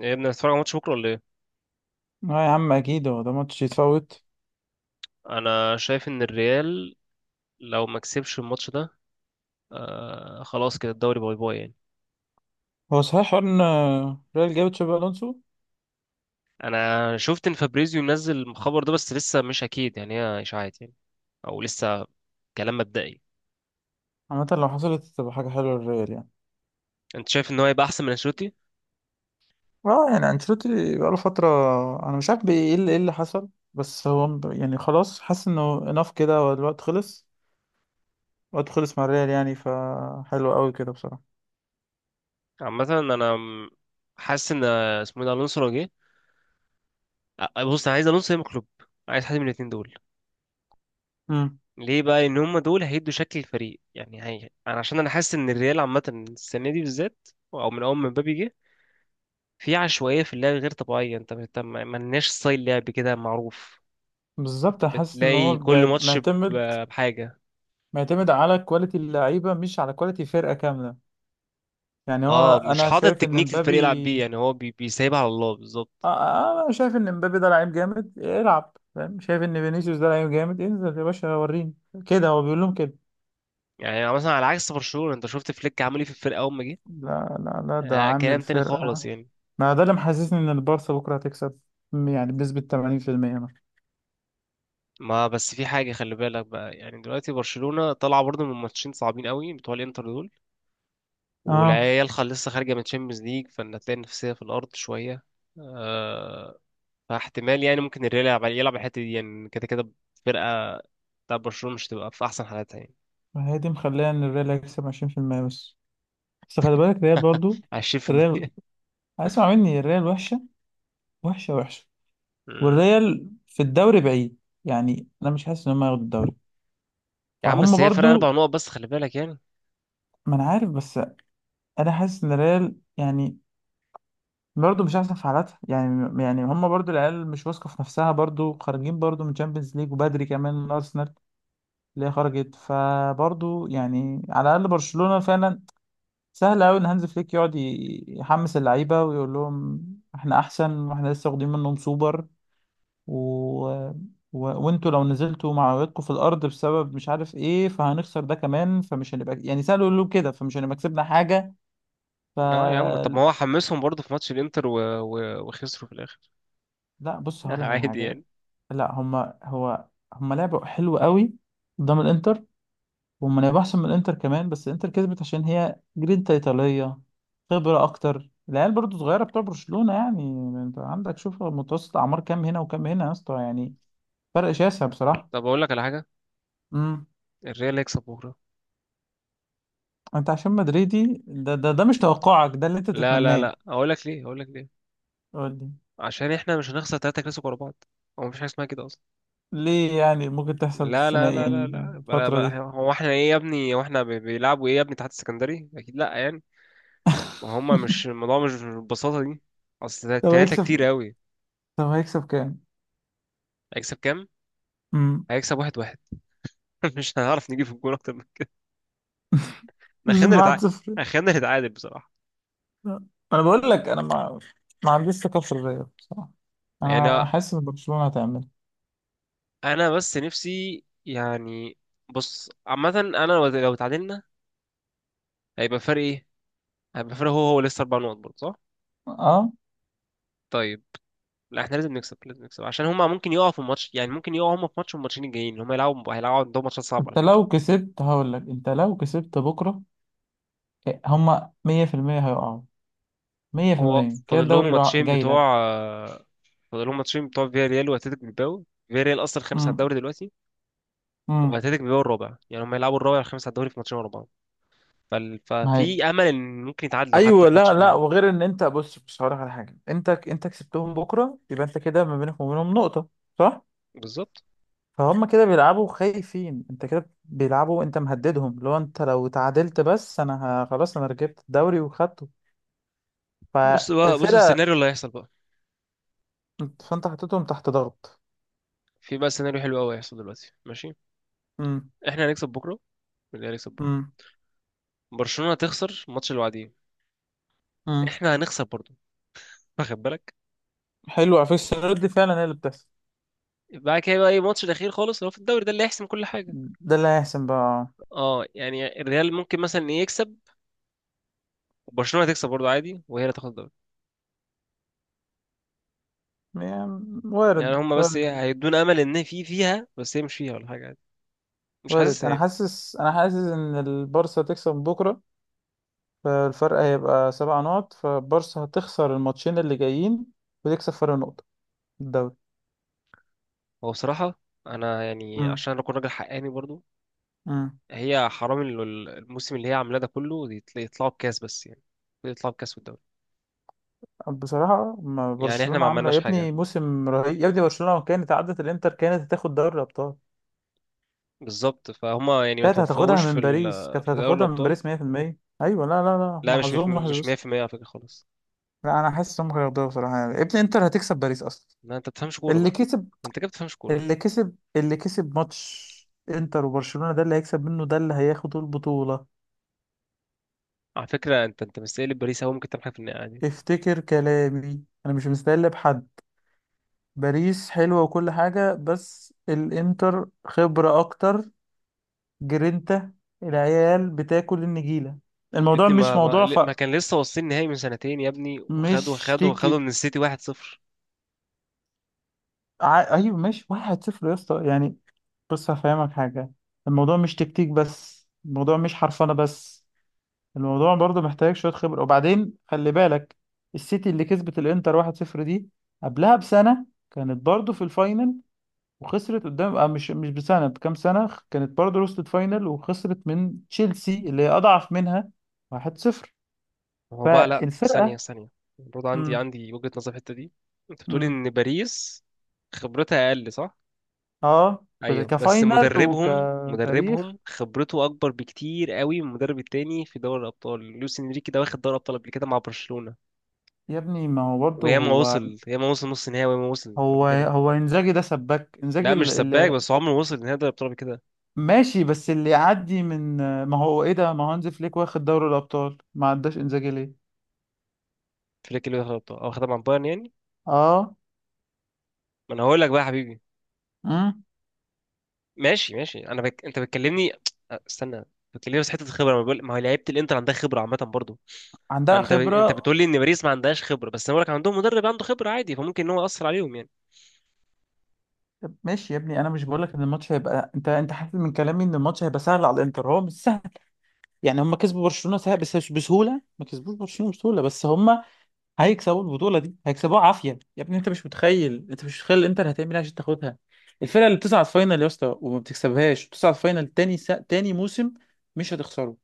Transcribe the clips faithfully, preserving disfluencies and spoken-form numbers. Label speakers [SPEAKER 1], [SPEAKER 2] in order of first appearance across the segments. [SPEAKER 1] ايه يا ابني، هتتفرج على ماتش بكره ولا ايه؟
[SPEAKER 2] اه، يا عم، اكيد هو ده ماتش يتفوت؟
[SPEAKER 1] انا شايف ان الريال لو ما كسبش الماتش ده، آه خلاص كده الدوري باي باي يعني.
[SPEAKER 2] هو صحيح حوار ان ريال جابت شابي الونسو؟
[SPEAKER 1] انا شفت ان فابريزيو منزل الخبر ده، بس لسه مش اكيد يعني، هي اشاعات يعني، او لسه كلام مبدئي.
[SPEAKER 2] عامة لو حصلت تبقى حاجة حلوة للريال يعني.
[SPEAKER 1] انت شايف ان هو هيبقى احسن من انشيلوتي؟
[SPEAKER 2] اه، يعني انشيلوتي بقاله فترة. انا مش عارف بي- ايه اللي ايه اللي حصل. بس هو م- يعني خلاص، حاسس انه اناف كده، هو الوقت خلص. الوقت خلص مع الريال يعني، فحلو قوي كده بصراحة.
[SPEAKER 1] عامه انا م- حاسس ان، آه، اسمه إيه ده، الونسو لو جه. آه، آه، بص انا عايز الونسو يا إما كلوب، عايز حد من الاثنين دول.
[SPEAKER 2] امم.
[SPEAKER 1] ليه بقى ان هم دول هيدوا شكل الفريق يعني، هي... انا عشان انا حاسس ان الريال عامه السنه دي بالذات، او من اول ما مبابي جه، في عشوائية في اللعب غير طبيعية. انت انت ما ما لناش ستايل لعب كده معروف.
[SPEAKER 2] بالظبط، انا حاسس ان هو
[SPEAKER 1] بتلاقي كل
[SPEAKER 2] بي-
[SPEAKER 1] ماتش ب-
[SPEAKER 2] معتمد
[SPEAKER 1] بحاجة.
[SPEAKER 2] معتمد على كواليتي اللعيبة، مش على كواليتي فرقة كاملة. يعني هو
[SPEAKER 1] اه مش
[SPEAKER 2] انا
[SPEAKER 1] حاطط
[SPEAKER 2] شايف ان
[SPEAKER 1] تكنيك الفريق يلعب بيه،
[SPEAKER 2] مبابي.
[SPEAKER 1] يعني هو بي- بيسيبها على الله بالظبط.
[SPEAKER 2] آه، آه، انا شايف ان امبابي ده لعيب جامد، العب فاهم. شايف ان فينيسيوس ده لعيب جامد، انزل يا باشا، وريني كده. هو بيقول لهم كده.
[SPEAKER 1] يعني مثلا على عكس برشلونة، انت شفت فليك عمل ايه في الفرقة اول ما جه،
[SPEAKER 2] لا لا لا، ده
[SPEAKER 1] آه
[SPEAKER 2] عامل
[SPEAKER 1] كلام تاني خالص
[SPEAKER 2] فرقة.
[SPEAKER 1] يعني.
[SPEAKER 2] ما ده اللي محسسني ان البارسا بكرة هتكسب، م- يعني بنسبة ثمانين في المية مثلا.
[SPEAKER 1] ما بس في حاجة خلي بالك بقى، يعني دلوقتي برشلونة طالعة برضه من ماتشين صعبين قوي بتوع الانتر دول،
[SPEAKER 2] اه،
[SPEAKER 1] والعيال خل- لسه خارجة من تشامبيونز ليج، فان هتلاقي النفسية في الأرض شوية. آه، فاحتمال يعني ممكن الريال يلعب يلعب الحتة دي يعني، كده كده فرقة بتاع برشلونة مش تبقى في أحسن حالاتها يعني.
[SPEAKER 2] ما هي دي مخليها ان الريال هيكسب عشرين في المية بس. بس خلي بالك الريال برضو. الريال،
[SPEAKER 1] عشرين في المية.
[SPEAKER 2] اسمع مني، الريال وحشة. وحشة وحشة.
[SPEAKER 1] مم.
[SPEAKER 2] والريال في الدوري بعيد، يعني انا مش حاسس ان هم هياخدوا الدوري.
[SPEAKER 1] يا عم
[SPEAKER 2] فهم
[SPEAKER 1] بس هي فرق
[SPEAKER 2] برضو.
[SPEAKER 1] أربع نقط بس، خلي بالك يعني.
[SPEAKER 2] ما انا عارف، بس انا حاسس ان الريال يعني برضه مش احسن في حالاتها، يعني يعني هم برضه، العيال مش واثقه في نفسها، برضه خارجين برضه من تشامبيونز ليج وبدري كمان من ارسنال اللي هي خرجت، فبرضه يعني على الاقل برشلونه فعلا سهل قوي ان هانز فليك يقعد ي- يحمس اللعيبه ويقول لهم احنا احسن واحنا لسه واخدين منهم سوبر، و... و... وانتوا لو نزلتوا معنوياتكم في الارض بسبب مش عارف ايه فهنخسر ده كمان، فمش هنبقى يعني سهل يقول له كده، فمش هنبقى كسبنا حاجه ف
[SPEAKER 1] اه يا عم، طب ما هو حمسهم برضه في ماتش الانتر و... و... وخسروا في الآخر.
[SPEAKER 2] لا، بص هقول لك على
[SPEAKER 1] عادي
[SPEAKER 2] حاجه.
[SPEAKER 1] يعني.
[SPEAKER 2] لا، هما هو هما لعبوا حلو قوي قدام الانتر. وهما لعبوا احسن من الانتر كمان، بس الانتر كسبت عشان هي جرينتا ايطاليه، خبره اكتر. العيال برضو صغيره بتوع برشلونه يعني. انت عندك، شوف متوسط اعمار كام هنا وكام هنا يا اسطى يعني. فرق شاسع بصراحه.
[SPEAKER 1] طب أقول لك على حاجة،
[SPEAKER 2] امم.
[SPEAKER 1] الريال هيكسب بكرة.
[SPEAKER 2] انت، عشان مدريدي ده ده ده، مش توقعك ده اللي انت
[SPEAKER 1] لا لا
[SPEAKER 2] تتمناه؟
[SPEAKER 1] لا، أقول لك ليه، أقول لك ليه.
[SPEAKER 2] قول لي.
[SPEAKER 1] عشان إحنا مش هنخسر تلاتة كلاسيكو ورا بعض، هو مفيش حاجة اسمها كده أصلا.
[SPEAKER 2] ليه يعني، ممكن تحصل
[SPEAKER 1] لا
[SPEAKER 2] السنه
[SPEAKER 1] لا لا لا
[SPEAKER 2] يعني.
[SPEAKER 1] لا، بلا
[SPEAKER 2] الفتره
[SPEAKER 1] بقى،
[SPEAKER 2] دي.
[SPEAKER 1] هو احنا ايه يا ابني؟ هو احنا بي- بيلعبوا ايه يا ابني؟ تحت السكندري؟ أكيد لا يعني. ما هما مش الموضوع، مش بالبساطة دي، أصل
[SPEAKER 2] طب
[SPEAKER 1] التلاتة كتير
[SPEAKER 2] هيكسب
[SPEAKER 1] أوي.
[SPEAKER 2] طب هيكسب كام.
[SPEAKER 1] هيكسب كام؟
[SPEAKER 2] امم.
[SPEAKER 1] هيكسب واحد واحد. مش هنعرف نجيب في الجون أكتر من كده. أنا خلينا
[SPEAKER 2] 7
[SPEAKER 1] نتعادل،
[SPEAKER 2] صفر
[SPEAKER 1] أنا خلينا نتعادل بصراحة،
[SPEAKER 2] انا بقول لك، انا ما ما عنديش ثقه في الريال بصراحه.
[SPEAKER 1] يعني.
[SPEAKER 2] انا حاسس ان برشلونه هتعمل.
[SPEAKER 1] أنا بس نفسي يعني. بص عامة، أنا لو لو اتعادلنا، هيبقى فرق إيه؟ هيبقى فرق هو هو لسه أربع نقط برضه صح؟
[SPEAKER 2] اه،
[SPEAKER 1] طيب. لا، احنا لازم نكسب، لازم نكسب، عشان هما ممكن يقعوا في الماتش يعني، ممكن يقعوا هما في ماتش، والماتشين الجايين هما يلعبوا، هيلعبوا عندهم ماتشات صعبة على
[SPEAKER 2] انت
[SPEAKER 1] فكرة.
[SPEAKER 2] لو كسبت هقول لك، انت لو كسبت بكره هما مية في المية هيقعوا.
[SPEAKER 1] هو
[SPEAKER 2] مية في المية كده
[SPEAKER 1] فاضل لهم
[SPEAKER 2] الدوري راح-
[SPEAKER 1] ماتشين
[SPEAKER 2] جاي لك.
[SPEAKER 1] بتوع فاضل لهم ماتشين بتوع فياريال واتلتيك بالباو. فياريال اصلا خامس على
[SPEAKER 2] امم.
[SPEAKER 1] الدوري دلوقتي،
[SPEAKER 2] امم.
[SPEAKER 1] واتلتيك بالباو الرابع، يعني هم يلعبوا الرابع والخامس على الدوري في ماتشين ورا بعض. فال...
[SPEAKER 2] ما هي.
[SPEAKER 1] ففي امل ان ممكن يتعادلوا حتى
[SPEAKER 2] ايوه،
[SPEAKER 1] في ماتش
[SPEAKER 2] لا لا،
[SPEAKER 1] فيهم.
[SPEAKER 2] وغير ان انت، بص بص هقول لك على حاجه، انت انت كسبتهم بكره يبقى انت كده ما بينك وما بينهم نقطه. صح.
[SPEAKER 1] بالظبط.
[SPEAKER 2] فهم كده بيلعبوا خايفين، انت كده بيلعبوا. انت مهددهم. لو انت لو تعادلت، بس انا ه- خلاص، انا ركبت الدوري وخدته.
[SPEAKER 1] بص بقى، بص
[SPEAKER 2] فالفرقة.
[SPEAKER 1] السيناريو اللي هيحصل بقى،
[SPEAKER 2] فانت حطيتهم تحت ضغط.
[SPEAKER 1] في بقى سيناريو حلو قوي هيحصل دلوقتي، ماشي.
[SPEAKER 2] امم.
[SPEAKER 1] احنا هنكسب بكره، والريال هيكسب بكره،
[SPEAKER 2] امم.
[SPEAKER 1] برشلونه هتخسر الماتش اللي بعديه،
[SPEAKER 2] امم.
[SPEAKER 1] احنا هنخسر برضه، واخد بالك؟
[SPEAKER 2] حلو على فكرة، السيناريو دي فعلا هي اللي بتحصل.
[SPEAKER 1] بعد كده بقى ايه الماتش الاخير خالص اللي هو في الدوري، ده اللي هيحسم كل حاجه.
[SPEAKER 2] ده اللي هيحسن بقى.
[SPEAKER 1] اه يعني الريال ممكن مثلا إيه يكسب، وبرشلونه هتكسب برضه عادي، وهي اللي تاخد الدوري.
[SPEAKER 2] يعني
[SPEAKER 1] يعني
[SPEAKER 2] وارد،
[SPEAKER 1] هم بس ايه،
[SPEAKER 2] وارد
[SPEAKER 1] هيدونا امل ان في فيها، بس هي مش فيها ولا حاجه عادي، مش
[SPEAKER 2] وارد.
[SPEAKER 1] حاسسها
[SPEAKER 2] انا
[SPEAKER 1] يعني.
[SPEAKER 2] حاسس انا حاسس ان البارسا هتكسب بكرة. فالفرق هيبقى سبع نقط، فالبارسا هتخسر الماتشين اللي جايين وتكسب فرق نقطة في الدوري.
[SPEAKER 1] هو بصراحه، انا يعني
[SPEAKER 2] امم.
[SPEAKER 1] عشان اكون راجل حقاني برضو،
[SPEAKER 2] امم.
[SPEAKER 1] هي حرام، ال- ال- الموسم اللي هي عاملاه ده كله، يت- يطلعوا بكاس بس يعني، يطلعوا بكاس في الدوري.
[SPEAKER 2] بصراحة ما
[SPEAKER 1] يعني احنا
[SPEAKER 2] برشلونة
[SPEAKER 1] ما
[SPEAKER 2] عاملة
[SPEAKER 1] عملناش
[SPEAKER 2] يا
[SPEAKER 1] حاجه
[SPEAKER 2] ابني موسم رهيب يا ابني. برشلونة لو كانت عدت الانتر كانت هتاخد دوري الابطال.
[SPEAKER 1] بالظبط، فهم يعني ما
[SPEAKER 2] كانت هتاخدها
[SPEAKER 1] توفقوش في
[SPEAKER 2] من باريس،
[SPEAKER 1] ال-
[SPEAKER 2] كانت
[SPEAKER 1] في دوري
[SPEAKER 2] هتاخدها من
[SPEAKER 1] الابطال.
[SPEAKER 2] باريس مية في المية. ايوه، لا لا لا،
[SPEAKER 1] لا مش مية في-
[SPEAKER 2] محظوظ
[SPEAKER 1] المية-
[SPEAKER 2] وحش
[SPEAKER 1] مش
[SPEAKER 2] بس.
[SPEAKER 1] مية بالمية على فكره خالص.
[SPEAKER 2] لا، انا حاسس هم هياخدوها بصراحه، يعني ابن انتر هتكسب باريس اصلا.
[SPEAKER 1] لا انت بتفهمش كوره
[SPEAKER 2] اللي
[SPEAKER 1] بقى،
[SPEAKER 2] كسب
[SPEAKER 1] انت كده بتفهمش كوره.
[SPEAKER 2] اللي كسب اللي كسب ماتش انتر وبرشلونه، ده اللي هيكسب منه، ده اللي هياخد البطوله.
[SPEAKER 1] على فكره انت انت مستقل باريس، هو ممكن تعمل حاجه في النهائي عادي.
[SPEAKER 2] افتكر كلامي، انا مش مستقل بحد. باريس حلوه وكل حاجه، بس الانتر خبره اكتر. جرينتا. العيال بتاكل النجيله.
[SPEAKER 1] يا
[SPEAKER 2] الموضوع
[SPEAKER 1] ابني
[SPEAKER 2] مش
[SPEAKER 1] ما ما,
[SPEAKER 2] موضوع ف
[SPEAKER 1] ما كان لسه واصلين نهائي من سنتين يا ابني، وخدوا
[SPEAKER 2] مش
[SPEAKER 1] خدوا خدوا
[SPEAKER 2] تيكي.
[SPEAKER 1] من السيتي واحد صفر.
[SPEAKER 2] ع- ايوه، ماشي واحد صفر يا اسطى يعني. بص هفهمك حاجه. الموضوع مش تكتيك بس، الموضوع مش حرفنه بس. الموضوع برضه محتاج شويه خبره. وبعدين خلي بالك، السيتي اللي كسبت الانتر واحد صفر دي، قبلها بسنه كانت برضه في الفاينل وخسرت قدام، آه مش مش بسنه، بكام سنه، كانت برضه وصلت فاينل وخسرت من تشيلسي اللي هي اضعف منها واحد صفر.
[SPEAKER 1] هو بقى، لا، ثانية
[SPEAKER 2] فالفرقه.
[SPEAKER 1] ثانية، برضه عندي
[SPEAKER 2] امم.
[SPEAKER 1] عندي وجهة نظر في الحتة دي. انت بتقول
[SPEAKER 2] امم.
[SPEAKER 1] ان باريس خبرتها اقل صح؟
[SPEAKER 2] اه، في-
[SPEAKER 1] ايوه بس
[SPEAKER 2] كفاينل
[SPEAKER 1] مدربهم
[SPEAKER 2] وكتاريخ.
[SPEAKER 1] مدربهم خبرته اكبر بكتير قوي من المدرب التاني في دوري الابطال، لويس انريكي ده واخد دوري الابطال قبل كده مع برشلونة،
[SPEAKER 2] يا ابني، ما هو برضه
[SPEAKER 1] وياما
[SPEAKER 2] هو
[SPEAKER 1] وصل، ياما وصل نص نهائي، وياما وصل قبل
[SPEAKER 2] هو
[SPEAKER 1] كده.
[SPEAKER 2] هو انزاجي ده سباك. انزاجي
[SPEAKER 1] لا مش
[SPEAKER 2] اللي
[SPEAKER 1] سباك،
[SPEAKER 2] اللي-
[SPEAKER 1] بس عمره ما وصل نهائي دوري الابطال قبل كده.
[SPEAKER 2] ماشي، بس اللي يعدي من. ما هو ايه ده، ما هو هانز فليك واخد دوري الابطال، ما عداش انزاجي ليه؟
[SPEAKER 1] فليك اللي واخد الابطال او واخدها مع بايرن يعني.
[SPEAKER 2] اه.
[SPEAKER 1] ما انا هقول لك بقى يا حبيبي،
[SPEAKER 2] امم.
[SPEAKER 1] ماشي ماشي، انا بك... انت بتكلمني، استنى. بتكلمني في حته الخبره، ما بقول، ما هو لعيبه الانتر عندها خبره عامه برضو. انا
[SPEAKER 2] عندها
[SPEAKER 1] انت ب... انت
[SPEAKER 2] خبره.
[SPEAKER 1] بتقول لي ان باريس ما عندهاش خبره، بس انا بقول لك عندهم مدرب عنده خبره عادي، فممكن ان هو ياثر عليهم يعني.
[SPEAKER 2] طب ماشي يا ابني، انا مش بقول لك ان الماتش هيبقى. انت انت حاسس من كلامي ان الماتش هيبقى سهل على الانتر، هو مش سهل. يعني هم كسبوا برشلونه سهل، بس مش بسهوله. ما كسبوش برشلونه بسهوله، بس هم هيكسبوا البطولة دي، هيكسبوها عافية يا ابني. انت مش متخيل، انت مش متخيل الانتر هتعمل ايه عشان تاخدها. الفرقة اللي بتصعد فاينل يا اسطى وما بتكسبهاش، بتصعد فاينل تاني سا... تاني موسم. مش هتخسره.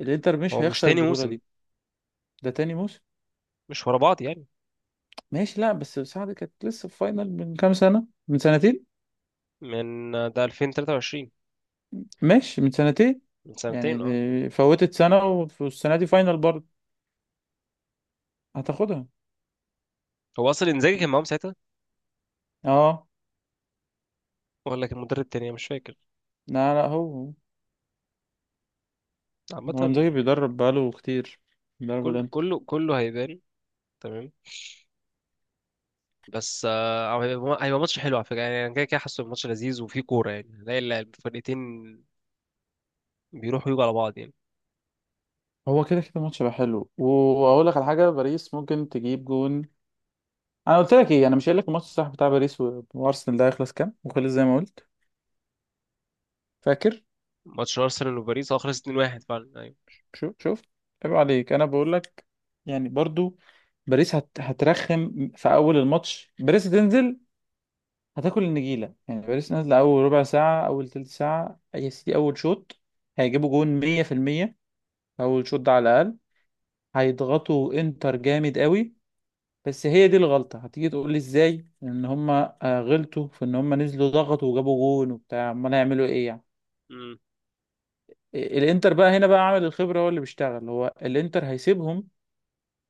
[SPEAKER 2] الانتر
[SPEAKER 1] هو
[SPEAKER 2] مش
[SPEAKER 1] مش
[SPEAKER 2] هيخسر
[SPEAKER 1] تاني
[SPEAKER 2] البطولة
[SPEAKER 1] موسم،
[SPEAKER 2] دي. ده تاني موسم.
[SPEAKER 1] مش ورا بعض يعني.
[SPEAKER 2] ماشي، لا، بس سعد كانت لسه في فاينل من كام سنة، من سنتين.
[SPEAKER 1] من ده ألفين وتلاتة وعشرين،
[SPEAKER 2] ماشي من سنتين.
[SPEAKER 1] من
[SPEAKER 2] يعني
[SPEAKER 1] سنتين اه.
[SPEAKER 2] دي- فوتت سنة، والسنة دي فاينل برضه. هتاخدها.
[SPEAKER 1] هو اصلا انزاجي كان معاهم ساعتها،
[SPEAKER 2] اه.
[SPEAKER 1] ولا كان مدرب تاني أنا مش فاكر.
[SPEAKER 2] لا لا، هو هو
[SPEAKER 1] عامه
[SPEAKER 2] هو انزاجي بيدرب بقاله كتير. بيدرب
[SPEAKER 1] كل
[SPEAKER 2] الانتر.
[SPEAKER 1] كله كله هيبان، تمام. بس آه، هو هيبقى هيبقى ماتش حلو على فكره يعني، انا كده كده حاسه الماتش لذيذ وفيه كوره يعني، هنلاقي الفرقتين بيروحوا يجوا على بعض يعني.
[SPEAKER 2] هو كده كده الماتش هيبقى حلو. واقول لك على حاجه، باريس ممكن تجيب جون. انا قلت لك ايه؟ انا مش قايل لك الماتش الصح بتاع باريس و- وارسنال ده هيخلص كام وخلص زي ما قلت؟ فاكر؟
[SPEAKER 1] ماتش ارسنال وباريس اه خلص اتنين لواحد فعلا، ايوه.
[SPEAKER 2] شوف شوف. عيب عليك، انا بقول لك يعني برضو. باريس هت... هترخم في اول الماتش. باريس هتنزل، هتاكل النجيله. يعني باريس نازله اول ربع ساعه، اول تلت ساعه يا سيدي، اول شوط. هيجيبوا جون مية في المية. اول شوط ده على الاقل، هيضغطوا انتر جامد قوي. بس هي دي الغلطة. هتيجي تقول لي ازاي ان هما آه، غلطوا في ان هما نزلوا ضغطوا وجابوا جون وبتاع. امال هيعملوا ايه يعني؟
[SPEAKER 1] مم.
[SPEAKER 2] إيه- الانتر بقى هنا بقى عامل الخبرة هو اللي بيشتغل. هو الانتر هيسيبهم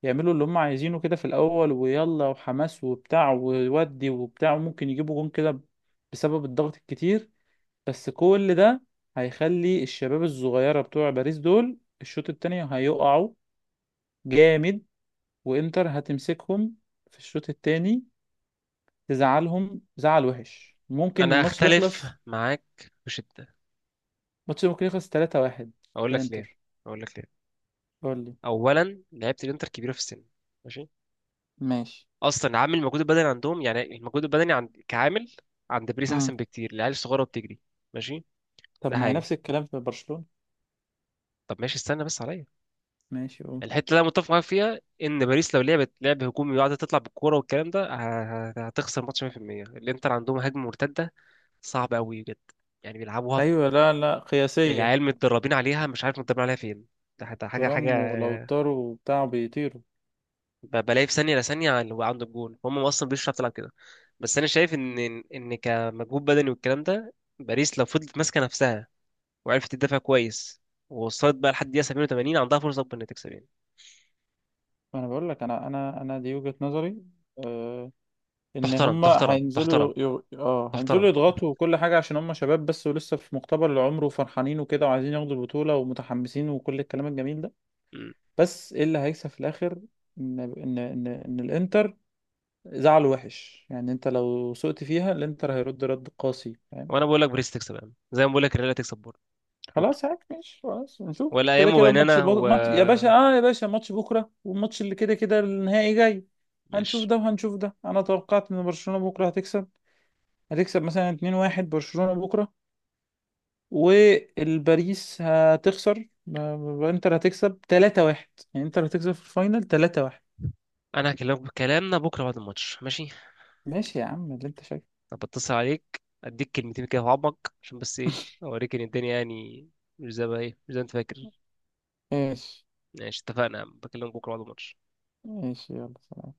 [SPEAKER 2] يعملوا اللي هما عايزينه كده في الاول، ويلا وحماس وبتاع وودي وبتاع. وممكن يجيبوا جون كده ب- بسبب الضغط الكتير. بس كل ده هيخلي الشباب الصغيرة بتوع باريس دول الشوط التاني هيقعوا جامد. وانتر هتمسكهم في الشوط التاني، تزعلهم زعل وحش. ممكن
[SPEAKER 1] انا
[SPEAKER 2] الماتش ده
[SPEAKER 1] هختلف
[SPEAKER 2] يخلص.
[SPEAKER 1] معاك بشده،
[SPEAKER 2] الماتش ده ممكن يخلص تلاتة واحد
[SPEAKER 1] اقول لك ليه،
[SPEAKER 2] لانتر.
[SPEAKER 1] اقول لك ليه.
[SPEAKER 2] قول لي.
[SPEAKER 1] اولا لعيبه الانتر كبيره في السن، ماشي،
[SPEAKER 2] ماشي.
[SPEAKER 1] اصلا عامل المجهود البدني عندهم، يعني المجهود البدني عند كعامل، عند باريس
[SPEAKER 2] امم.
[SPEAKER 1] احسن بكتير، العيال الصغيره بتجري، ماشي،
[SPEAKER 2] طب
[SPEAKER 1] ده
[SPEAKER 2] ما هي
[SPEAKER 1] حاجه.
[SPEAKER 2] نفس الكلام في برشلونة.
[SPEAKER 1] طب ماشي، استنى بس عليا.
[SPEAKER 2] ماشي، قول.
[SPEAKER 1] الحته اللي انا متفق معاك فيها ان باريس لو لعبت لعب هجومي وقعدت تطلع بالكوره والكلام ده، ه- ه- هتخسر ماتش مية بالمية. الانتر عندهم هجمه مرتده صعبه قوي بجد، يعني بيلعبوها،
[SPEAKER 2] ايوه، لا لا، قياسية.
[SPEAKER 1] العيال متدربين عليها مش عارف متدربين عليها فين، ده حتى حاجه
[SPEAKER 2] ترام
[SPEAKER 1] حاجه.
[SPEAKER 2] ولوتارو وبتاع بيطيروا.
[SPEAKER 1] ب- بلاقي في ثانيه لثانيه اللي هو عنده الجون، هم اصلا مش بتعرف تلعب كده. بس انا شايف ان، ان كمجهود بدني والكلام ده، باريس لو فضلت ماسكه نفسها وعرفت تدافع كويس، ووصلت بقى لحد دقيقه سبعة وتمانين، عندها فرصه اكبر انها تكسب يعني.
[SPEAKER 2] انا بقول لك، انا انا انا دي وجهة نظري. آه ان
[SPEAKER 1] تحترم
[SPEAKER 2] هما
[SPEAKER 1] تحترم تحترم،
[SPEAKER 2] هينزلوا ي... ي... اه هينزلوا
[SPEAKER 1] تحترم.
[SPEAKER 2] يضغطوا وكل حاجة، عشان هما شباب بس، ولسه في مقتبل العمر وفرحانين وكده، وعايزين ياخدوا البطولة ومتحمسين وكل الكلام الجميل ده.
[SPEAKER 1] مم.
[SPEAKER 2] بس ايه اللي هيكسب في الاخر؟ ان ان ان, إن الانتر زعله وحش. يعني انت لو سقت فيها الانتر هيرد رد قاسي، فاهم.
[SPEAKER 1] وانا بقول لك باريس تكسب، يعني زي ما بقول لك الريال تكسب بكره. بكره
[SPEAKER 2] خلاص عادي ماشي، خلاص نشوف.
[SPEAKER 1] ولا
[SPEAKER 2] كده
[SPEAKER 1] ايام
[SPEAKER 2] كده ماتش
[SPEAKER 1] بيننا
[SPEAKER 2] بو...
[SPEAKER 1] و
[SPEAKER 2] ماتش يا باشا، اه يا باشا، ماتش بكره، والماتش اللي كده كده النهائي جاي. هنشوف
[SPEAKER 1] ماشي.
[SPEAKER 2] ده وهنشوف ده. انا توقعت ان برشلونة بكره هتكسب. هتكسب مثلا اتنين واحد برشلونة بكره. والباريس هتخسر ب- انتر هتكسب تلاتة واحد. يعني انتر هتكسب في الفاينل تلاتة واحد.
[SPEAKER 1] انا هكلمك بكلامنا بكره بعد الماتش، ماشي؟
[SPEAKER 2] ماشي يا عم، اللي انت شايفه.
[SPEAKER 1] طب اتصل عليك اديك كلمتين كده في عمق، عشان بس ايه، اوريك ان الدنيا يعني مش زي ما هي، مش زي ما انت فاكر.
[SPEAKER 2] ايش.
[SPEAKER 1] ماشي، اتفقنا يا عم. بكلمك بكره بعد الماتش.
[SPEAKER 2] ماشي، يلا سلام.